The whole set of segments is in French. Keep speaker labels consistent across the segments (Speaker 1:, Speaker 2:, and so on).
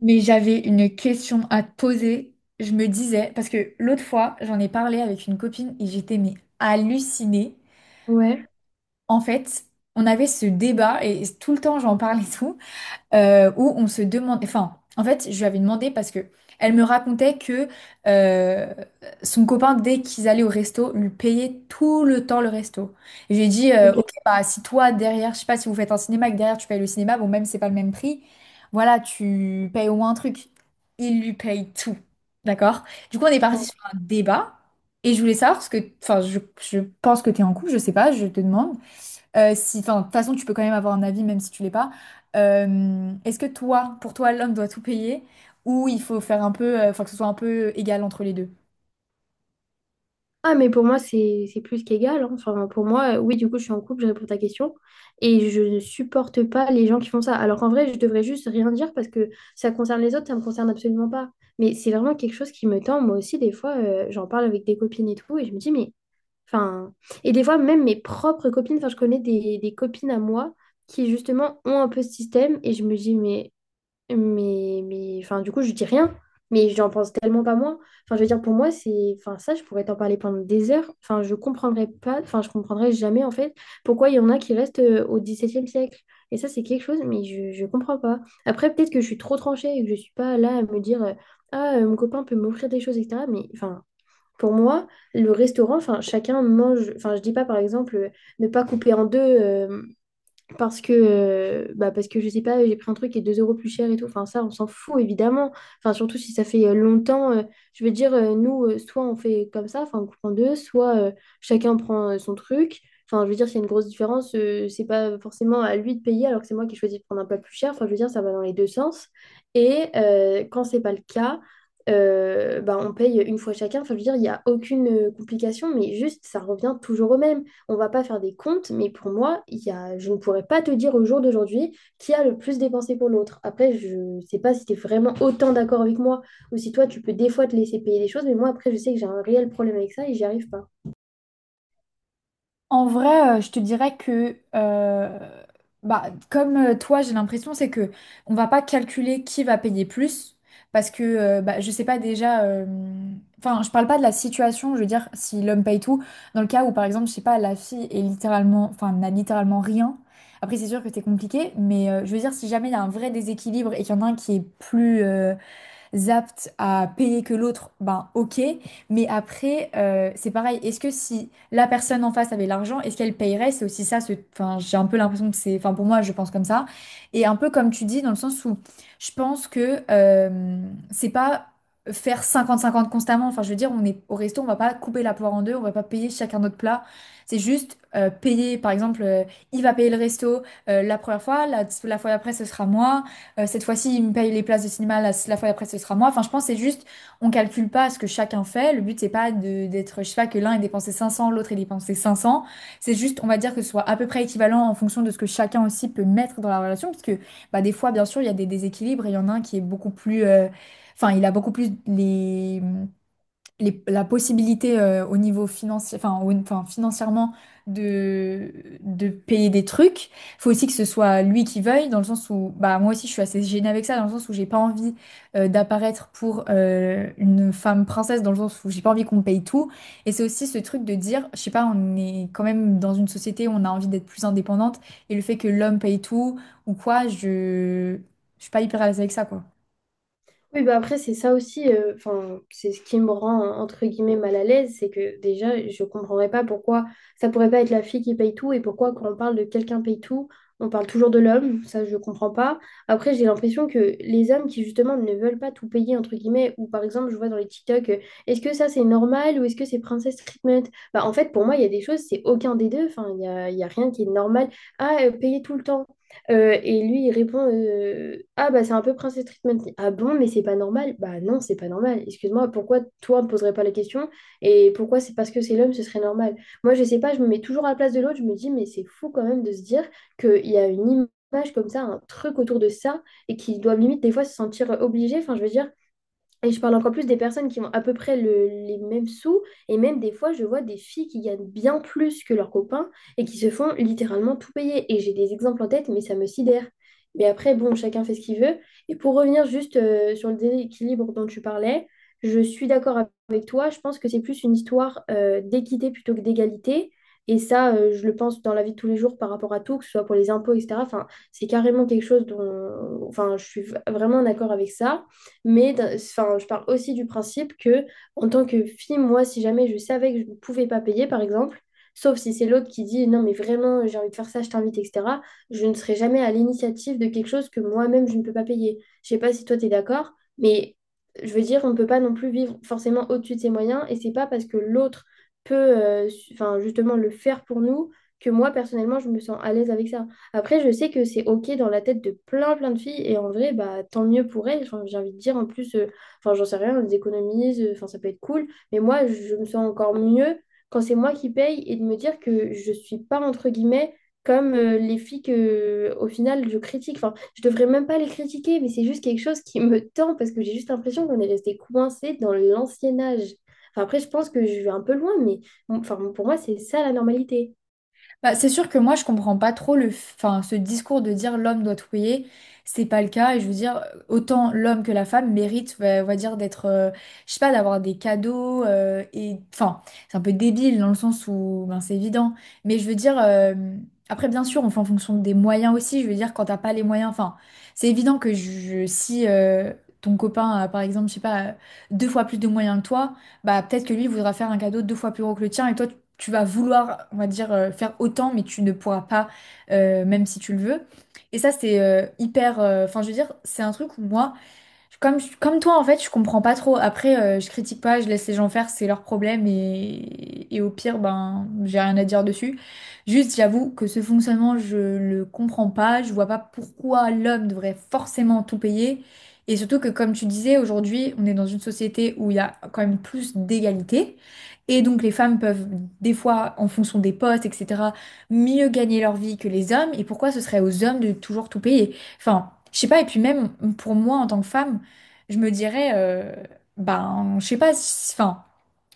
Speaker 1: Mais j'avais une question à te poser. Je me disais, parce que l'autre fois, j'en ai parlé avec une copine et j'étais mais hallucinée.
Speaker 2: Ouais.
Speaker 1: En fait, on avait ce débat et tout le temps j'en parlais et tout où on se demande, enfin, en fait, je lui avais demandé parce que elle me racontait que euh, son copain, dès qu'ils allaient au resto, lui payait tout le temps le resto. Et je lui ai dit,
Speaker 2: Ok.
Speaker 1: ok, bah, si toi, derrière, je sais pas, si vous faites un cinéma et que derrière, tu payes le cinéma, bon, même si c'est pas le même prix, voilà, tu payes au moins un truc. Il lui paye tout. D'accord? Du coup, on est parti sur un débat. Et je voulais savoir, parce que, enfin, je pense que tu es en couple, je sais pas, je te demande. Si, enfin, de toute façon, tu peux quand même avoir un avis, même si tu l'es pas. Est-ce que toi, pour toi, l'homme doit tout payer ou il faut faire un peu, enfin, que ce soit un peu égal entre les deux?
Speaker 2: Ah, mais pour moi, c'est plus qu'égal, hein. Enfin, pour moi, oui, du coup, je suis en couple, je réponds à ta question. Et je ne supporte pas les gens qui font ça. Alors qu'en vrai, je devrais juste rien dire parce que ça concerne les autres, ça me concerne absolument pas. Mais c'est vraiment quelque chose qui me tend. Moi aussi, des fois, j'en parle avec des copines et tout. Et je me dis, mais. Enfin... Et des fois, même mes propres copines, enfin, je connais des copines à moi qui, justement, ont un peu ce système. Et je me dis, mais. Mais enfin, du coup, je dis rien. Mais j'en pense tellement pas moins. Enfin, je veux dire, pour moi, c'est... Enfin, ça, je pourrais t'en parler pendant des heures. Enfin, je comprendrais pas... Enfin, je comprendrais jamais, en fait, pourquoi il y en a qui restent au XVIIe siècle. Et ça, c'est quelque chose, mais je comprends pas. Après, peut-être que je suis trop tranchée et que je suis pas là à me dire, ah, mon copain peut m'offrir des choses, etc. Mais, enfin, pour moi, le restaurant, enfin, chacun mange... Enfin, je dis pas, par exemple, ne pas couper en deux, parce que, bah parce que je sais pas, j'ai pris un truc qui est 2 euros plus cher et tout. Enfin, ça, on s'en fout évidemment. Enfin, surtout si ça fait longtemps. Je veux dire, nous, soit on fait comme ça, enfin, on coupe en deux, soit chacun prend son truc. Enfin, je veux dire, s'il y a une grosse différence, c'est pas forcément à lui de payer alors que c'est moi qui choisis de prendre un plat plus cher. Enfin, je veux dire, ça va dans les deux sens. Et quand c'est pas le cas, bah, on paye une fois chacun. Enfin, je veux dire, il n'y a aucune complication, mais juste, ça revient toujours au même. On va pas faire des comptes, mais pour moi, il y a, je ne pourrais pas te dire au jour d'aujourd'hui qui a le plus dépensé pour l'autre. Après, je sais pas si tu es vraiment autant d'accord avec moi ou si toi, tu peux des fois te laisser payer des choses, mais moi, après, je sais que j'ai un réel problème avec ça et j'y arrive pas.
Speaker 1: En vrai, je te dirais que, bah, comme toi, j'ai l'impression, c'est que on va pas calculer qui va payer plus, parce que, bah, je sais pas déjà. Enfin, je parle pas de la situation, je veux dire, si l'homme paye tout, dans le cas où, par exemple, je sais pas, la fille est littéralement, enfin, n'a littéralement rien. Après, c'est sûr que c'est compliqué, mais je veux dire, si jamais il y a un vrai déséquilibre et qu'il y en a un qui est plus, aptes à payer que l'autre, ben ok. Mais après, c'est pareil. Est-ce que si la personne en face avait l'argent, est-ce qu'elle payerait? C'est aussi ça. Enfin, j'ai un peu l'impression que c'est. Enfin, pour moi, je pense comme ça. Et un peu comme tu dis, dans le sens où je pense que c'est pas faire 50 50 constamment. Enfin, je veux dire, on est au resto, on va pas couper la poire en deux, on va pas payer chacun notre plat. C'est juste payer. Par exemple, il va payer le resto la première fois, la fois d'après, ce sera moi. Cette fois-ci, il me paye les places de cinéma, la fois d'après, ce sera moi. Enfin, je pense que c'est juste, on calcule pas ce que chacun fait. Le but, c'est pas de, d'être, je sais pas, que l'un ait dépensé 500, l'autre ait dépensé 500. C'est juste, on va dire que ce soit à peu près équivalent en fonction de ce que chacun aussi peut mettre dans la relation. Parce que, bah, des fois, bien sûr, il y a des déséquilibres et il y en a un qui est beaucoup plus, enfin, il a beaucoup plus les, la possibilité au niveau financier, enfin, enfin, financièrement de, de payer des trucs. Faut aussi que ce soit lui qui veuille, dans le sens où, bah, moi aussi, je suis assez gênée avec ça, dans le sens où j'ai pas envie d'apparaître pour une femme princesse, dans le sens où j'ai pas envie qu'on me paye tout. Et c'est aussi ce truc de dire, je sais pas, on est quand même dans une société où on a envie d'être plus indépendante, et le fait que l'homme paye tout ou quoi, je suis pas hyper à l'aise avec ça, quoi.
Speaker 2: Oui, bah après, c'est ça aussi, enfin, c'est ce qui me rend, entre guillemets, mal à l'aise, c'est que déjà, je comprendrais pas pourquoi ça pourrait pas être la fille qui paye tout et pourquoi quand on parle de quelqu'un paye tout, on parle toujours de l'homme, ça je comprends pas. Après, j'ai l'impression que les hommes qui justement ne veulent pas tout payer, entre guillemets, ou par exemple, je vois dans les TikTok, est-ce que ça c'est normal ou est-ce que c'est princess treatment? Bah en fait, pour moi, il y a des choses, c'est aucun des deux, enfin, il y a rien qui est normal. Ah, payer tout le temps. Et lui, il répond, ah, bah, c'est un peu Princess Treatment. Ah bon, mais c'est pas normal. Bah, non, c'est pas normal. Excuse-moi, pourquoi toi, ne poserais pas la question? Et pourquoi c'est parce que c'est l'homme, ce serait normal? Moi, je sais pas, je me mets toujours à la place de l'autre. Je me dis, mais c'est fou quand même de se dire qu'il y a une image comme ça, un truc autour de ça, et qu'ils doivent limite des fois se sentir obligés. Enfin, je veux dire, et je parle encore plus des personnes qui ont à peu près les mêmes sous. Et même des fois, je vois des filles qui gagnent bien plus que leurs copains et qui se font littéralement tout payer. Et j'ai des exemples en tête, mais ça me sidère. Mais après, bon, chacun fait ce qu'il veut. Et pour revenir juste sur le déséquilibre dont tu parlais, je suis d'accord avec toi. Je pense que c'est plus une histoire d'équité plutôt que d'égalité. Et ça, je le pense dans la vie de tous les jours par rapport à tout, que ce soit pour les impôts, etc. Enfin, c'est carrément quelque chose dont... Enfin, je suis vraiment d'accord avec ça. Mais enfin, je parle aussi du principe que, en tant que fille, moi, si jamais je savais que je ne pouvais pas payer, par exemple, sauf si c'est l'autre qui dit non, mais vraiment, j'ai envie de faire ça, je t'invite, etc., je ne serai jamais à l'initiative de quelque chose que moi-même, je ne peux pas payer. Je ne sais pas si toi, tu es d'accord, mais je veux dire, on ne peut pas non plus vivre forcément au-dessus de ses moyens, et c'est pas parce que l'autre peut, enfin, justement, le faire pour nous que moi, personnellement, je me sens à l'aise avec ça. Après, je sais que c'est OK dans la tête de plein, plein de filles. Et en vrai, bah, tant mieux pour elles. Enfin, j'ai envie de dire, en plus, enfin, j'en sais rien, on les économise. Enfin, ça peut être cool. Mais moi, je me sens encore mieux quand c'est moi qui paye et de me dire que je suis pas, entre guillemets, comme les filles que, au final, je critique. Enfin, je devrais même pas les critiquer, mais c'est juste quelque chose qui me tend parce que j'ai juste l'impression qu'on est resté coincé dans l'ancien âge. Enfin, après, je pense que je vais un peu loin, mais enfin, pour moi, c'est ça la normalité.
Speaker 1: Bah, c'est sûr que moi, je comprends pas trop le, enfin, ce discours de dire l'homme doit trouiller. C'est pas le cas. Et je veux dire, autant l'homme que la femme mérite, on va dire, d'être, je sais pas, d'avoir des cadeaux. Et enfin, c'est un peu débile dans le sens où, ben, c'est évident. Mais je veux dire, après, bien sûr, on fait en fonction des moyens aussi. Je veux dire, quand t'as pas les moyens, enfin, c'est évident que je, si ton copain a, par exemple, je sais pas, deux fois plus de moyens que toi, bah peut-être que lui voudra faire un cadeau deux fois plus gros que le tien et toi, tu vas vouloir, on va dire, faire autant, mais tu ne pourras pas, même si tu le veux. Et ça, c'est hyper. Enfin, je veux dire, c'est un truc où moi. Comme, comme toi, en fait, je comprends pas trop. Après, je critique pas, je laisse les gens faire, c'est leur problème et au pire, ben, j'ai rien à dire dessus. Juste, j'avoue que ce fonctionnement, je le comprends pas. Je vois pas pourquoi l'homme devrait forcément tout payer. Et surtout que, comme tu disais, aujourd'hui, on est dans une société où il y a quand même plus d'égalité. Et donc, les femmes peuvent, des fois, en fonction des postes, etc., mieux gagner leur vie que les hommes. Et pourquoi ce serait aux hommes de toujours tout payer? Enfin, je sais pas. Et puis même, pour moi, en tant que femme, je me dirais, ben, je sais pas, enfin,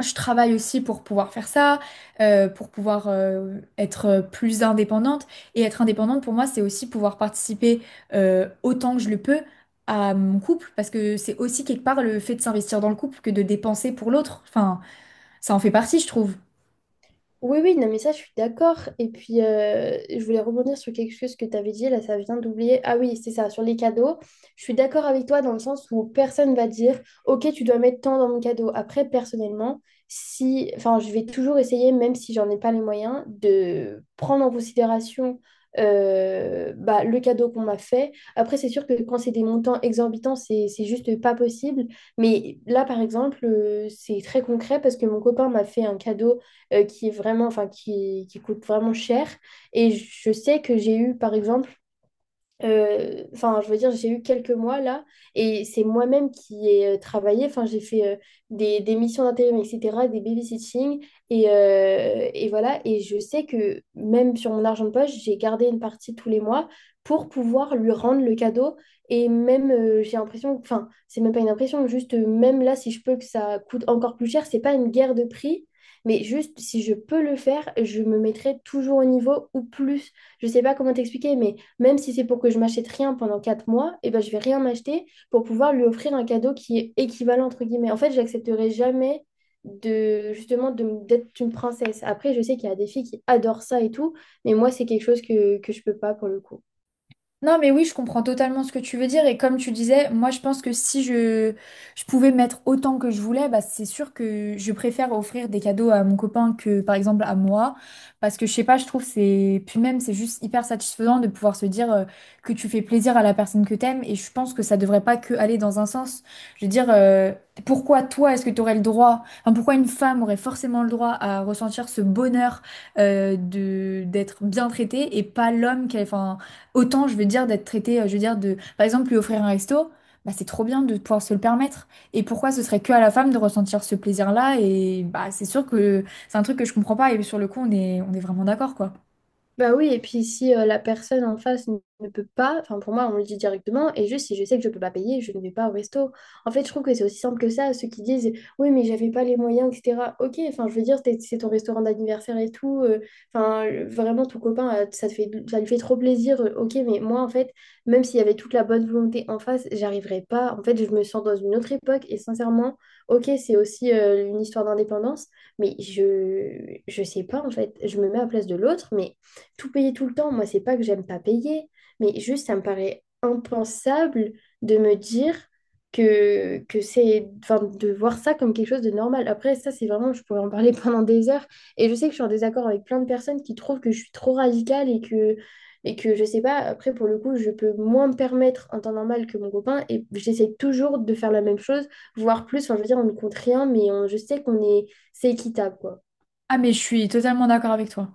Speaker 1: je travaille aussi pour pouvoir faire ça, pour pouvoir être plus indépendante. Et être indépendante, pour moi, c'est aussi pouvoir participer autant que je le peux à mon couple, parce que c'est aussi quelque part le fait de s'investir dans le couple que de dépenser pour l'autre. Enfin, ça en fait partie, je trouve.
Speaker 2: Oui, oui, non, mais ça, je suis d'accord. Et puis, je voulais rebondir sur quelque chose que tu avais dit, là, ça vient d'oublier. Ah oui, c'est ça, sur les cadeaux. Je suis d'accord avec toi dans le sens où personne va dire, OK, tu dois mettre tant dans mon cadeau. Après, personnellement, si, enfin, je vais toujours essayer, même si j'en ai pas les moyens, de prendre en considération, bah, le cadeau qu'on m'a fait. Après, c'est sûr que quand c'est des montants exorbitants, c'est juste pas possible. Mais là, par exemple, c'est très concret parce que mon copain m'a fait un cadeau qui est vraiment, enfin, qui coûte vraiment cher. Et je sais que j'ai eu, par exemple, enfin, je veux dire, j'ai eu quelques mois là, et c'est moi-même qui ai travaillé. Enfin, j'ai fait, des missions d'intérim, etc., des babysitting, et voilà. Et je sais que même sur mon argent de poche, j'ai gardé une partie tous les mois pour pouvoir lui rendre le cadeau. Et même, j'ai l'impression, enfin, c'est même pas une impression, juste même là, si je peux que ça coûte encore plus cher, c'est pas une guerre de prix. Mais juste, si je peux le faire, je me mettrai toujours au niveau ou plus. Je sais pas comment t'expliquer, mais même si c'est pour que je m'achète rien pendant 4 mois, et ben, je vais rien m'acheter pour pouvoir lui offrir un cadeau qui est équivalent, entre guillemets. En fait, j'accepterai jamais de justement d'être une princesse. Après, je sais qu'il y a des filles qui adorent ça et tout, mais moi, c'est quelque chose que je peux pas pour le coup.
Speaker 1: Non, mais oui, je comprends totalement ce que tu veux dire. Et comme tu disais, moi, je pense que si je pouvais mettre autant que je voulais, bah, c'est sûr que je préfère offrir des cadeaux à mon copain que, par exemple, à moi. Parce que, je sais pas, je trouve c'est... Puis même, c'est juste hyper satisfaisant de pouvoir se dire que tu fais plaisir à la personne que t'aimes. Et je pense que ça devrait pas que aller dans un sens. Je veux dire, pourquoi toi, est-ce que tu aurais le droit... Enfin, pourquoi une femme aurait forcément le droit à ressentir ce bonheur de d'être bien traitée et pas l'homme qu'elle... Enfin, autant, je veux dire, d'être traité, je veux dire, de, par exemple, lui offrir un resto, bah, c'est trop bien de pouvoir se le permettre. Et pourquoi ce serait que à la femme de ressentir ce plaisir-là? Et bah, c'est sûr que c'est un truc que je comprends pas. Et sur le coup, on est vraiment d'accord, quoi.
Speaker 2: Bah oui, et puis si la personne en face ne peut pas, enfin pour moi, on le dit directement, et juste si je sais que je peux pas payer, je ne vais pas au resto. En fait, je trouve que c'est aussi simple que ça, ceux qui disent oui, mais j'avais pas les moyens, etc. Ok, enfin je veux dire, c'est ton restaurant d'anniversaire et tout, enfin vraiment ton copain, ça te fait, ça lui fait trop plaisir, ok, mais moi en fait, même s'il y avait toute la bonne volonté en face, j'arriverais pas. En fait, je me sens dans une autre époque, et sincèrement, ok, c'est aussi une histoire d'indépendance. Mais je sais pas en fait, je me mets à la place de l'autre, mais tout payer tout le temps, moi, c'est pas que j'aime pas payer, mais juste, ça me paraît impensable de me dire que c'est, enfin, de voir ça comme quelque chose de normal. Après, ça, c'est vraiment, je pourrais en parler pendant des heures. Et je sais que je suis en désaccord avec plein de personnes qui trouvent que je suis trop radicale et que je sais pas, après, pour le coup, je peux moins me permettre en temps normal que mon copain et j'essaie toujours de faire la même chose, voire plus. Enfin, je veux dire, on ne compte rien, mais je sais qu'on est, c'est équitable, quoi.
Speaker 1: Ah, mais je suis totalement d'accord avec toi.